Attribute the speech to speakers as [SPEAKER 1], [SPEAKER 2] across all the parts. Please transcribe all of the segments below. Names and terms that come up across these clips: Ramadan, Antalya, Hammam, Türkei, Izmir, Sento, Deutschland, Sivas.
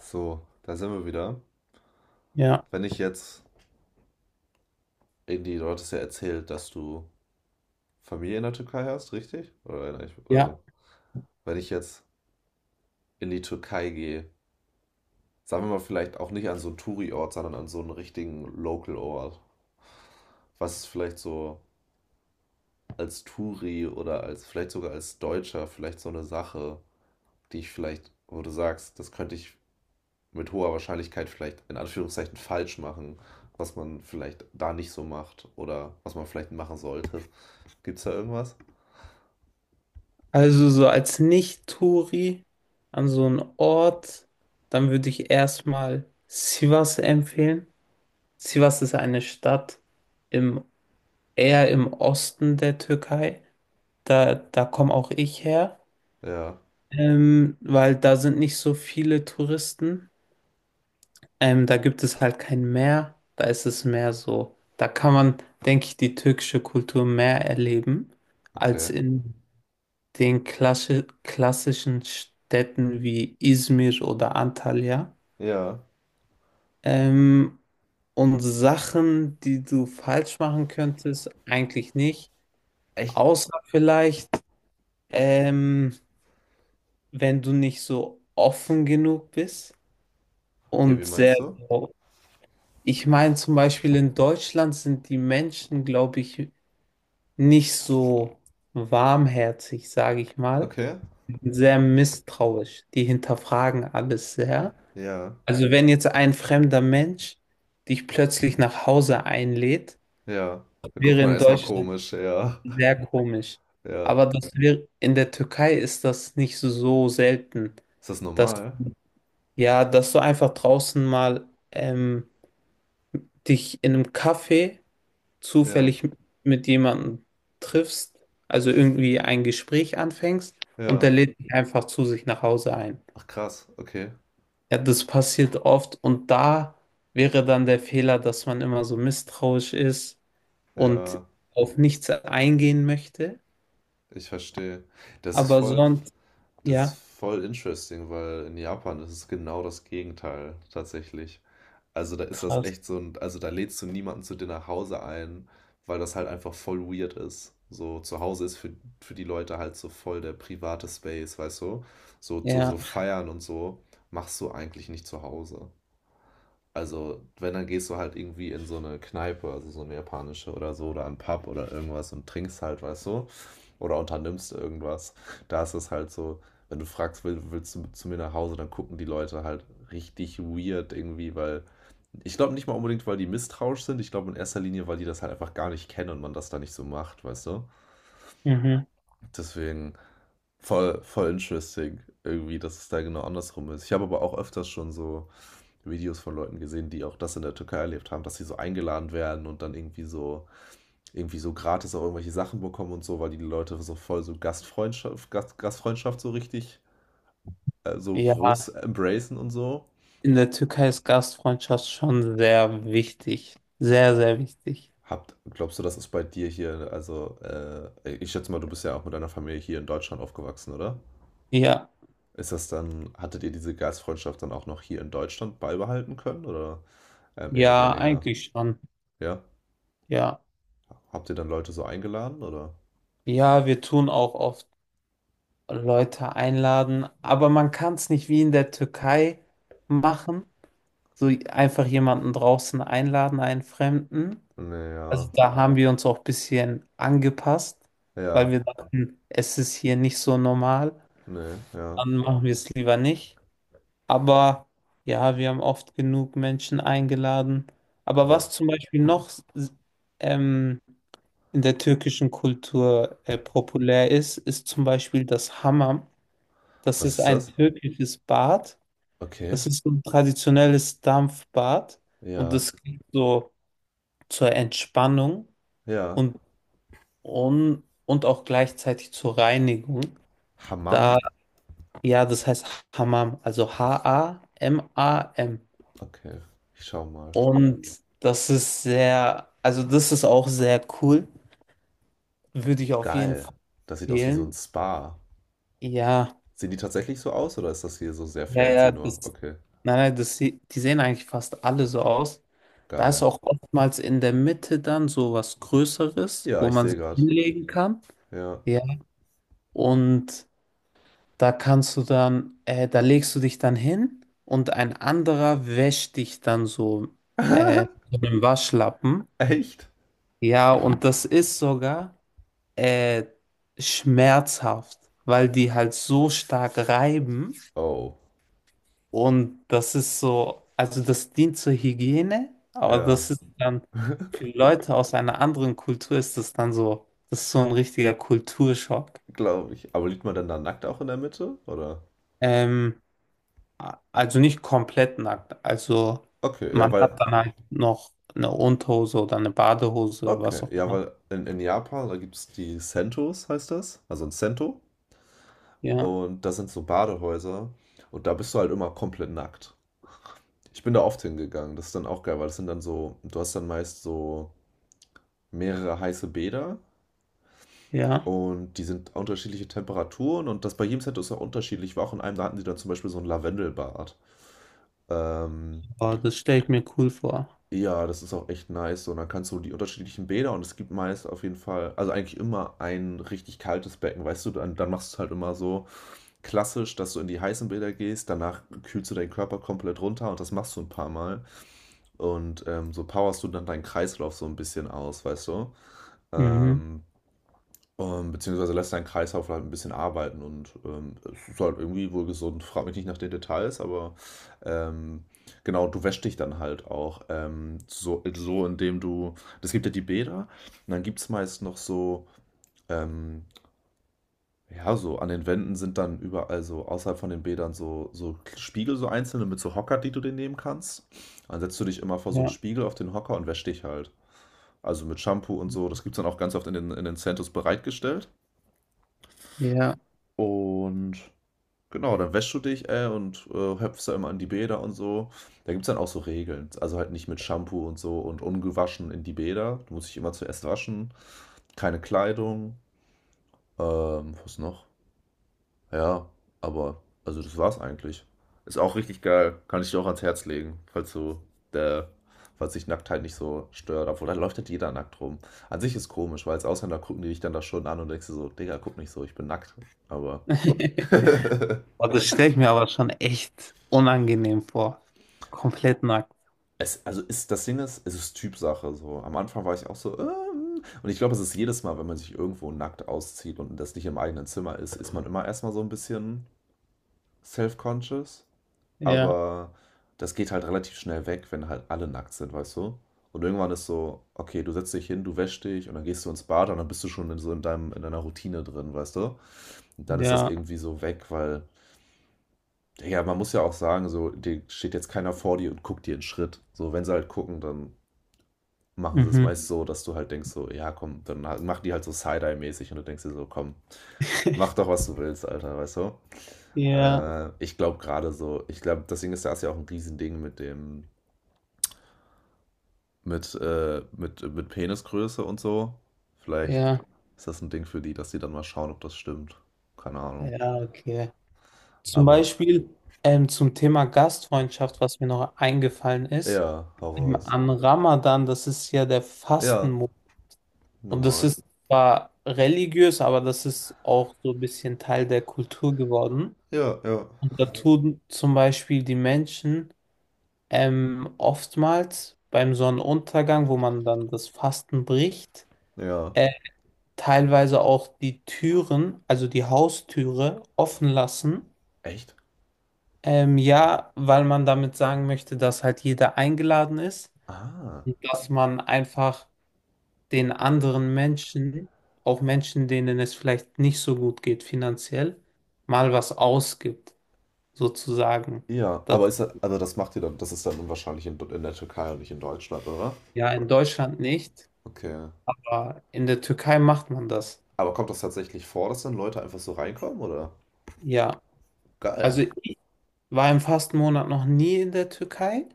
[SPEAKER 1] So, da sind wir wieder.
[SPEAKER 2] Ja,
[SPEAKER 1] Wenn ich jetzt, irgendwie du hattest ja erzählt, dass du Familie in der Türkei hast, richtig? Oder, oder
[SPEAKER 2] ja.
[SPEAKER 1] wenn ich jetzt in die Türkei gehe, sagen wir mal vielleicht auch nicht an so einen Touri-Ort, sondern an so einen richtigen Local-Ort. Was ist vielleicht so als Touri oder als vielleicht sogar als Deutscher vielleicht so eine Sache, die ich vielleicht, wo du sagst, das könnte ich mit hoher Wahrscheinlichkeit vielleicht in Anführungszeichen falsch machen, was man vielleicht da nicht so macht oder was man vielleicht machen sollte. Gibt's da irgendwas?
[SPEAKER 2] Also so als Nicht-Touri an so einen Ort, dann würde ich erstmal Sivas empfehlen. Sivas ist eine Stadt im, eher im Osten der Türkei. Da komme auch ich her,
[SPEAKER 1] Ja,
[SPEAKER 2] weil da sind nicht so viele Touristen. Da gibt es halt kein Meer. Da ist es mehr so. Da kann man, denke ich, die türkische Kultur mehr erleben als
[SPEAKER 1] okay.
[SPEAKER 2] in den klassischen Städten wie Izmir oder Antalya.
[SPEAKER 1] Ja.
[SPEAKER 2] Ähm, und Sachen, die du falsch machen könntest, eigentlich nicht.
[SPEAKER 1] Echt?
[SPEAKER 2] Außer vielleicht, ähm, wenn du nicht so offen genug bist
[SPEAKER 1] Okay,
[SPEAKER 2] und
[SPEAKER 1] wie
[SPEAKER 2] sehr
[SPEAKER 1] meinst du?
[SPEAKER 2] so. Ich meine, zum Beispiel in Deutschland sind die Menschen, glaube ich, nicht so warmherzig, sage ich mal,
[SPEAKER 1] Okay.
[SPEAKER 2] sehr misstrauisch. Die hinterfragen alles sehr.
[SPEAKER 1] Ja.
[SPEAKER 2] Also wenn jetzt ein fremder Mensch dich plötzlich nach Hause einlädt,
[SPEAKER 1] Ja. Da guckt
[SPEAKER 2] wäre
[SPEAKER 1] man
[SPEAKER 2] in
[SPEAKER 1] erstmal
[SPEAKER 2] Deutschland
[SPEAKER 1] komisch, ja.
[SPEAKER 2] sehr komisch.
[SPEAKER 1] Ja.
[SPEAKER 2] Aber das wäre, in der Türkei ist das nicht so selten,
[SPEAKER 1] Ist das
[SPEAKER 2] dass
[SPEAKER 1] normal?
[SPEAKER 2] ja, dass du einfach draußen mal dich in einem Café
[SPEAKER 1] Ja.
[SPEAKER 2] zufällig mit jemandem triffst, also irgendwie ein Gespräch anfängst und der
[SPEAKER 1] Ja.
[SPEAKER 2] lädt dich einfach zu sich nach Hause ein.
[SPEAKER 1] Ach krass, okay.
[SPEAKER 2] Ja, das passiert oft und da wäre dann der Fehler, dass man immer so misstrauisch ist und
[SPEAKER 1] Ja,
[SPEAKER 2] auf nichts eingehen möchte.
[SPEAKER 1] ich verstehe. Das ist
[SPEAKER 2] Aber
[SPEAKER 1] voll,
[SPEAKER 2] sonst,
[SPEAKER 1] das ist
[SPEAKER 2] ja,
[SPEAKER 1] voll interesting, weil in Japan ist es genau das Gegenteil tatsächlich. Also da ist das
[SPEAKER 2] krass.
[SPEAKER 1] echt so ein, also da lädst du niemanden zu dir nach Hause ein, weil das halt einfach voll weird ist. So zu Hause ist für die Leute halt so voll der private Space, weißt du? So, so,
[SPEAKER 2] Ja,
[SPEAKER 1] so feiern und so machst du eigentlich nicht zu Hause. Also wenn, dann gehst du halt irgendwie in so eine Kneipe, also so eine japanische oder so, oder einen Pub oder irgendwas und trinkst halt, weißt du? Oder unternimmst irgendwas. Da ist es halt so, wenn du fragst, willst du zu mir nach Hause, dann gucken die Leute halt richtig weird irgendwie, weil ich glaube nicht mal unbedingt, weil die misstrauisch sind. Ich glaube in erster Linie, weil die das halt einfach gar nicht kennen und man das da nicht so macht, weißt du?
[SPEAKER 2] mhm.
[SPEAKER 1] Deswegen voll interesting irgendwie, dass es da genau andersrum ist. Ich habe aber auch öfters schon so Videos von Leuten gesehen, die auch das in der Türkei erlebt haben, dass sie so eingeladen werden und dann irgendwie so gratis auch irgendwelche Sachen bekommen und so, weil die Leute so voll so Gastfreundschaft so richtig so groß
[SPEAKER 2] Ja,
[SPEAKER 1] embracen und so.
[SPEAKER 2] in der Türkei ist Gastfreundschaft schon sehr wichtig. Sehr, sehr wichtig.
[SPEAKER 1] Habt glaubst du, das ist bei dir hier, also ich schätze mal, du bist ja auch mit deiner Familie hier in Deutschland aufgewachsen, oder?
[SPEAKER 2] Ja,
[SPEAKER 1] Ist das dann, hattet ihr diese Gastfreundschaft dann auch noch hier in Deutschland beibehalten können oder eher
[SPEAKER 2] ja,
[SPEAKER 1] weniger?
[SPEAKER 2] eigentlich schon.
[SPEAKER 1] Ja?
[SPEAKER 2] Ja,
[SPEAKER 1] Habt ihr dann Leute so eingeladen oder?
[SPEAKER 2] ja, wir tun auch oft Leute einladen, aber man kann es nicht wie in der Türkei machen, so einfach jemanden draußen einladen, einen Fremden.
[SPEAKER 1] Nee,
[SPEAKER 2] Also
[SPEAKER 1] ja,
[SPEAKER 2] da haben wir uns auch ein bisschen angepasst, weil
[SPEAKER 1] ja,
[SPEAKER 2] wir dachten, es ist hier nicht so normal,
[SPEAKER 1] nee, ja,
[SPEAKER 2] dann machen wir es lieber nicht. Aber ja, wir haben oft genug Menschen eingeladen. Aber was
[SPEAKER 1] krass.
[SPEAKER 2] zum Beispiel noch ähm, in der türkischen Kultur populär ist, ist zum Beispiel das Hammam. Das
[SPEAKER 1] Was
[SPEAKER 2] ist
[SPEAKER 1] ist
[SPEAKER 2] ein
[SPEAKER 1] das?
[SPEAKER 2] türkisches Bad.
[SPEAKER 1] Okay,
[SPEAKER 2] Das ist so ein traditionelles Dampfbad und
[SPEAKER 1] ja,
[SPEAKER 2] das geht so zur Entspannung
[SPEAKER 1] ja.
[SPEAKER 2] und, und auch gleichzeitig zur Reinigung.
[SPEAKER 1] Hammam?
[SPEAKER 2] Da, ja, das heißt Hammam, also Hamam.
[SPEAKER 1] Okay, ich schau mal.
[SPEAKER 2] Und das ist sehr, also das ist auch sehr cool. Würde ich auf jeden
[SPEAKER 1] Geil.
[SPEAKER 2] Fall
[SPEAKER 1] Das sieht aus wie so ein
[SPEAKER 2] empfehlen.
[SPEAKER 1] Spa.
[SPEAKER 2] Ja,
[SPEAKER 1] Sehen die tatsächlich so aus oder ist das hier so sehr
[SPEAKER 2] ja,
[SPEAKER 1] fancy
[SPEAKER 2] ja,
[SPEAKER 1] nur?
[SPEAKER 2] das,
[SPEAKER 1] Okay.
[SPEAKER 2] nein, nein, das, die sehen eigentlich fast alle so aus. Da ist
[SPEAKER 1] Geil.
[SPEAKER 2] auch oftmals in der Mitte dann so was Größeres,
[SPEAKER 1] Ja,
[SPEAKER 2] wo
[SPEAKER 1] ich
[SPEAKER 2] man
[SPEAKER 1] sehe
[SPEAKER 2] sich
[SPEAKER 1] gerade.
[SPEAKER 2] hinlegen kann.
[SPEAKER 1] Ja.
[SPEAKER 2] Ja. Und da legst du dich dann hin und ein anderer wäscht dich dann so mit einem Waschlappen.
[SPEAKER 1] Echt?
[SPEAKER 2] Ja, und das ist sogar äh, schmerzhaft, weil die halt so stark reiben
[SPEAKER 1] Oh,
[SPEAKER 2] und das ist so, also das dient zur Hygiene, aber
[SPEAKER 1] ja,
[SPEAKER 2] das ist dann, für Leute aus einer anderen Kultur ist das dann so, das ist so ein richtiger Kulturschock.
[SPEAKER 1] glaube ich. Aber liegt man dann da nackt auch in der Mitte, oder?
[SPEAKER 2] Ähm, Also nicht komplett nackt. Also
[SPEAKER 1] Okay, ja,
[SPEAKER 2] man hat
[SPEAKER 1] weil,
[SPEAKER 2] dann halt noch eine Unterhose oder eine Badehose, was
[SPEAKER 1] okay,
[SPEAKER 2] auch
[SPEAKER 1] ja,
[SPEAKER 2] immer.
[SPEAKER 1] weil in Japan, da gibt es die Sentos, heißt das, also ein Sento,
[SPEAKER 2] Ja,
[SPEAKER 1] und das sind so Badehäuser, und da bist du halt immer komplett nackt. Ich bin da oft hingegangen, das ist dann auch geil, weil das sind dann so, du hast dann meist so mehrere heiße Bäder.
[SPEAKER 2] ja.
[SPEAKER 1] Und die sind unterschiedliche Temperaturen und das bei jedem Set ist auch unterschiedlich. Ich war auch in einem, da hatten sie dann zum Beispiel so ein Lavendelbad. Ähm,
[SPEAKER 2] Aber das stelle ich mir cool vor.
[SPEAKER 1] ja, das ist auch echt nice. So, und dann kannst du die unterschiedlichen Bäder und es gibt meist auf jeden Fall, also eigentlich immer ein richtig kaltes Becken, weißt du, dann machst du es halt immer so klassisch, dass du in die heißen Bäder gehst, danach kühlst du deinen Körper komplett runter und das machst du ein paar Mal. Und so powerst du dann deinen Kreislauf so ein bisschen aus, weißt du.
[SPEAKER 2] Mhm.
[SPEAKER 1] Ähm, beziehungsweise lässt deinen Kreislauf halt ein bisschen arbeiten und, es ist halt irgendwie wohl gesund. Frag mich nicht nach den Details, aber, ähm, genau, du wäschst dich dann halt auch, so so. Indem du es gibt ja die Bäder und dann gibt's meist noch so, ähm ja, so an den Wänden sind dann überall so außerhalb von den Bädern so so Spiegel, so einzelne mit so Hocker, die du dir nehmen kannst. Dann setzt du dich immer vor so einen
[SPEAKER 2] Ja,
[SPEAKER 1] Spiegel auf den Hocker und wäschst dich halt. Also, mit Shampoo und so. Das gibt's dann auch ganz oft in den Centers bereitgestellt
[SPEAKER 2] ja.
[SPEAKER 1] und genau, dann wäschst du dich, höpfst da immer an die Bäder und so. Da gibt's dann auch so Regeln. Also halt nicht mit Shampoo und so und ungewaschen in die Bäder. Du musst dich immer zuerst waschen. Keine Kleidung. Was noch? Ja, aber, also das war's eigentlich. Ist auch richtig geil. Kann ich dir auch ans Herz legen, falls der, falls dich Nacktheit nicht so stört. Obwohl, da läuft halt jeder nackt rum. An sich ist komisch, weil als Ausländer gucken die dich dann da schon an und denkst du so, Digga, guck nicht so, ich bin nackt. Aber.
[SPEAKER 2] Aber das stelle ich mir aber schon echt unangenehm vor. Komplett nackt.
[SPEAKER 1] Es, also ist, das Ding ist, es ist Typsache so. Am Anfang war ich auch so, und ich glaube, es ist jedes Mal, wenn man sich irgendwo nackt auszieht und das nicht im eigenen Zimmer ist, ist man immer erstmal so ein bisschen self-conscious.
[SPEAKER 2] Ja,
[SPEAKER 1] Aber das geht halt relativ schnell weg, wenn halt alle nackt sind, weißt du? Und irgendwann ist so, okay, du setzt dich hin, du wäschst dich und dann gehst du ins Bad und dann bist du schon in so in in deiner Routine drin, weißt du? Und dann ist das
[SPEAKER 2] ja.
[SPEAKER 1] irgendwie so weg, weil, ja, man muss ja auch sagen, so, dir steht jetzt keiner vor dir und guckt dir einen Schritt. So, wenn sie halt gucken, dann machen sie es meist
[SPEAKER 2] Mhm.
[SPEAKER 1] so, dass du halt denkst so, ja komm, dann mach die halt so Side-Eye-mäßig und du denkst dir so, komm, mach doch, was du willst, Alter, weißt du?
[SPEAKER 2] Ja,
[SPEAKER 1] Ich glaube gerade so, ich glaube, deswegen ist das ja auch ein Riesending mit mit Penisgröße und so. Vielleicht
[SPEAKER 2] ja,
[SPEAKER 1] ist das ein Ding für die, dass die dann mal schauen, ob das stimmt. Keine Ahnung.
[SPEAKER 2] ja, okay. Zum
[SPEAKER 1] Aber,
[SPEAKER 2] Beispiel, zum Thema Gastfreundschaft, was mir noch eingefallen ist.
[SPEAKER 1] ja, hau raus.
[SPEAKER 2] Am Ramadan, das ist ja der
[SPEAKER 1] Ja,
[SPEAKER 2] Fastenmonat. Und das
[SPEAKER 1] normal.
[SPEAKER 2] ist zwar religiös, aber das ist auch so ein bisschen Teil der Kultur geworden.
[SPEAKER 1] Ja, ja.
[SPEAKER 2] Und da tun zum Beispiel die Menschen oftmals beim Sonnenuntergang, wo man dann das Fasten bricht,
[SPEAKER 1] Ja.
[SPEAKER 2] äh, teilweise auch die Türen, also die Haustüre, offen lassen.
[SPEAKER 1] Echt?
[SPEAKER 2] Ja, weil man damit sagen möchte, dass halt jeder eingeladen ist
[SPEAKER 1] Ah.
[SPEAKER 2] und dass man einfach den anderen Menschen, auch Menschen, denen es vielleicht nicht so gut geht finanziell, mal was ausgibt, sozusagen.
[SPEAKER 1] Ja,
[SPEAKER 2] Das
[SPEAKER 1] also das macht ihr dann, das ist dann wahrscheinlich in der Türkei und nicht in Deutschland, oder?
[SPEAKER 2] ja
[SPEAKER 1] Oder?
[SPEAKER 2] in Deutschland nicht,
[SPEAKER 1] Okay.
[SPEAKER 2] aber in der Türkei macht man das.
[SPEAKER 1] Aber kommt das tatsächlich vor, dass dann Leute einfach so reinkommen, oder?
[SPEAKER 2] Ja, also
[SPEAKER 1] Geil.
[SPEAKER 2] ich war im Fastenmonat noch nie in der Türkei,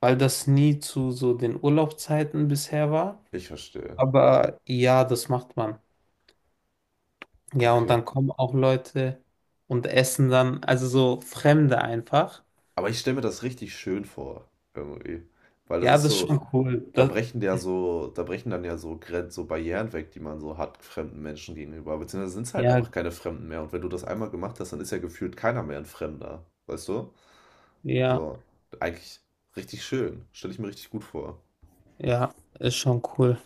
[SPEAKER 2] weil das nie zu so den Urlaubszeiten bisher war.
[SPEAKER 1] Ich verstehe.
[SPEAKER 2] Aber ja, das macht man. Ja, und
[SPEAKER 1] Okay.
[SPEAKER 2] dann kommen auch Leute und essen dann, also so Fremde einfach.
[SPEAKER 1] Aber ich stelle mir das richtig schön vor, irgendwie. Weil das
[SPEAKER 2] Ja,
[SPEAKER 1] ist
[SPEAKER 2] das ist
[SPEAKER 1] so,
[SPEAKER 2] schon cool. Das,
[SPEAKER 1] da brechen dann ja so Grenzen, so Barrieren weg, die man so hat fremden Menschen gegenüber. Beziehungsweise sind es halt
[SPEAKER 2] ja,
[SPEAKER 1] einfach keine Fremden mehr. Und wenn du das einmal gemacht hast, dann ist ja gefühlt keiner mehr ein Fremder. Weißt du?
[SPEAKER 2] Ja,
[SPEAKER 1] So, eigentlich richtig schön. Stelle ich mir richtig gut vor.
[SPEAKER 2] ja, ist schon cool.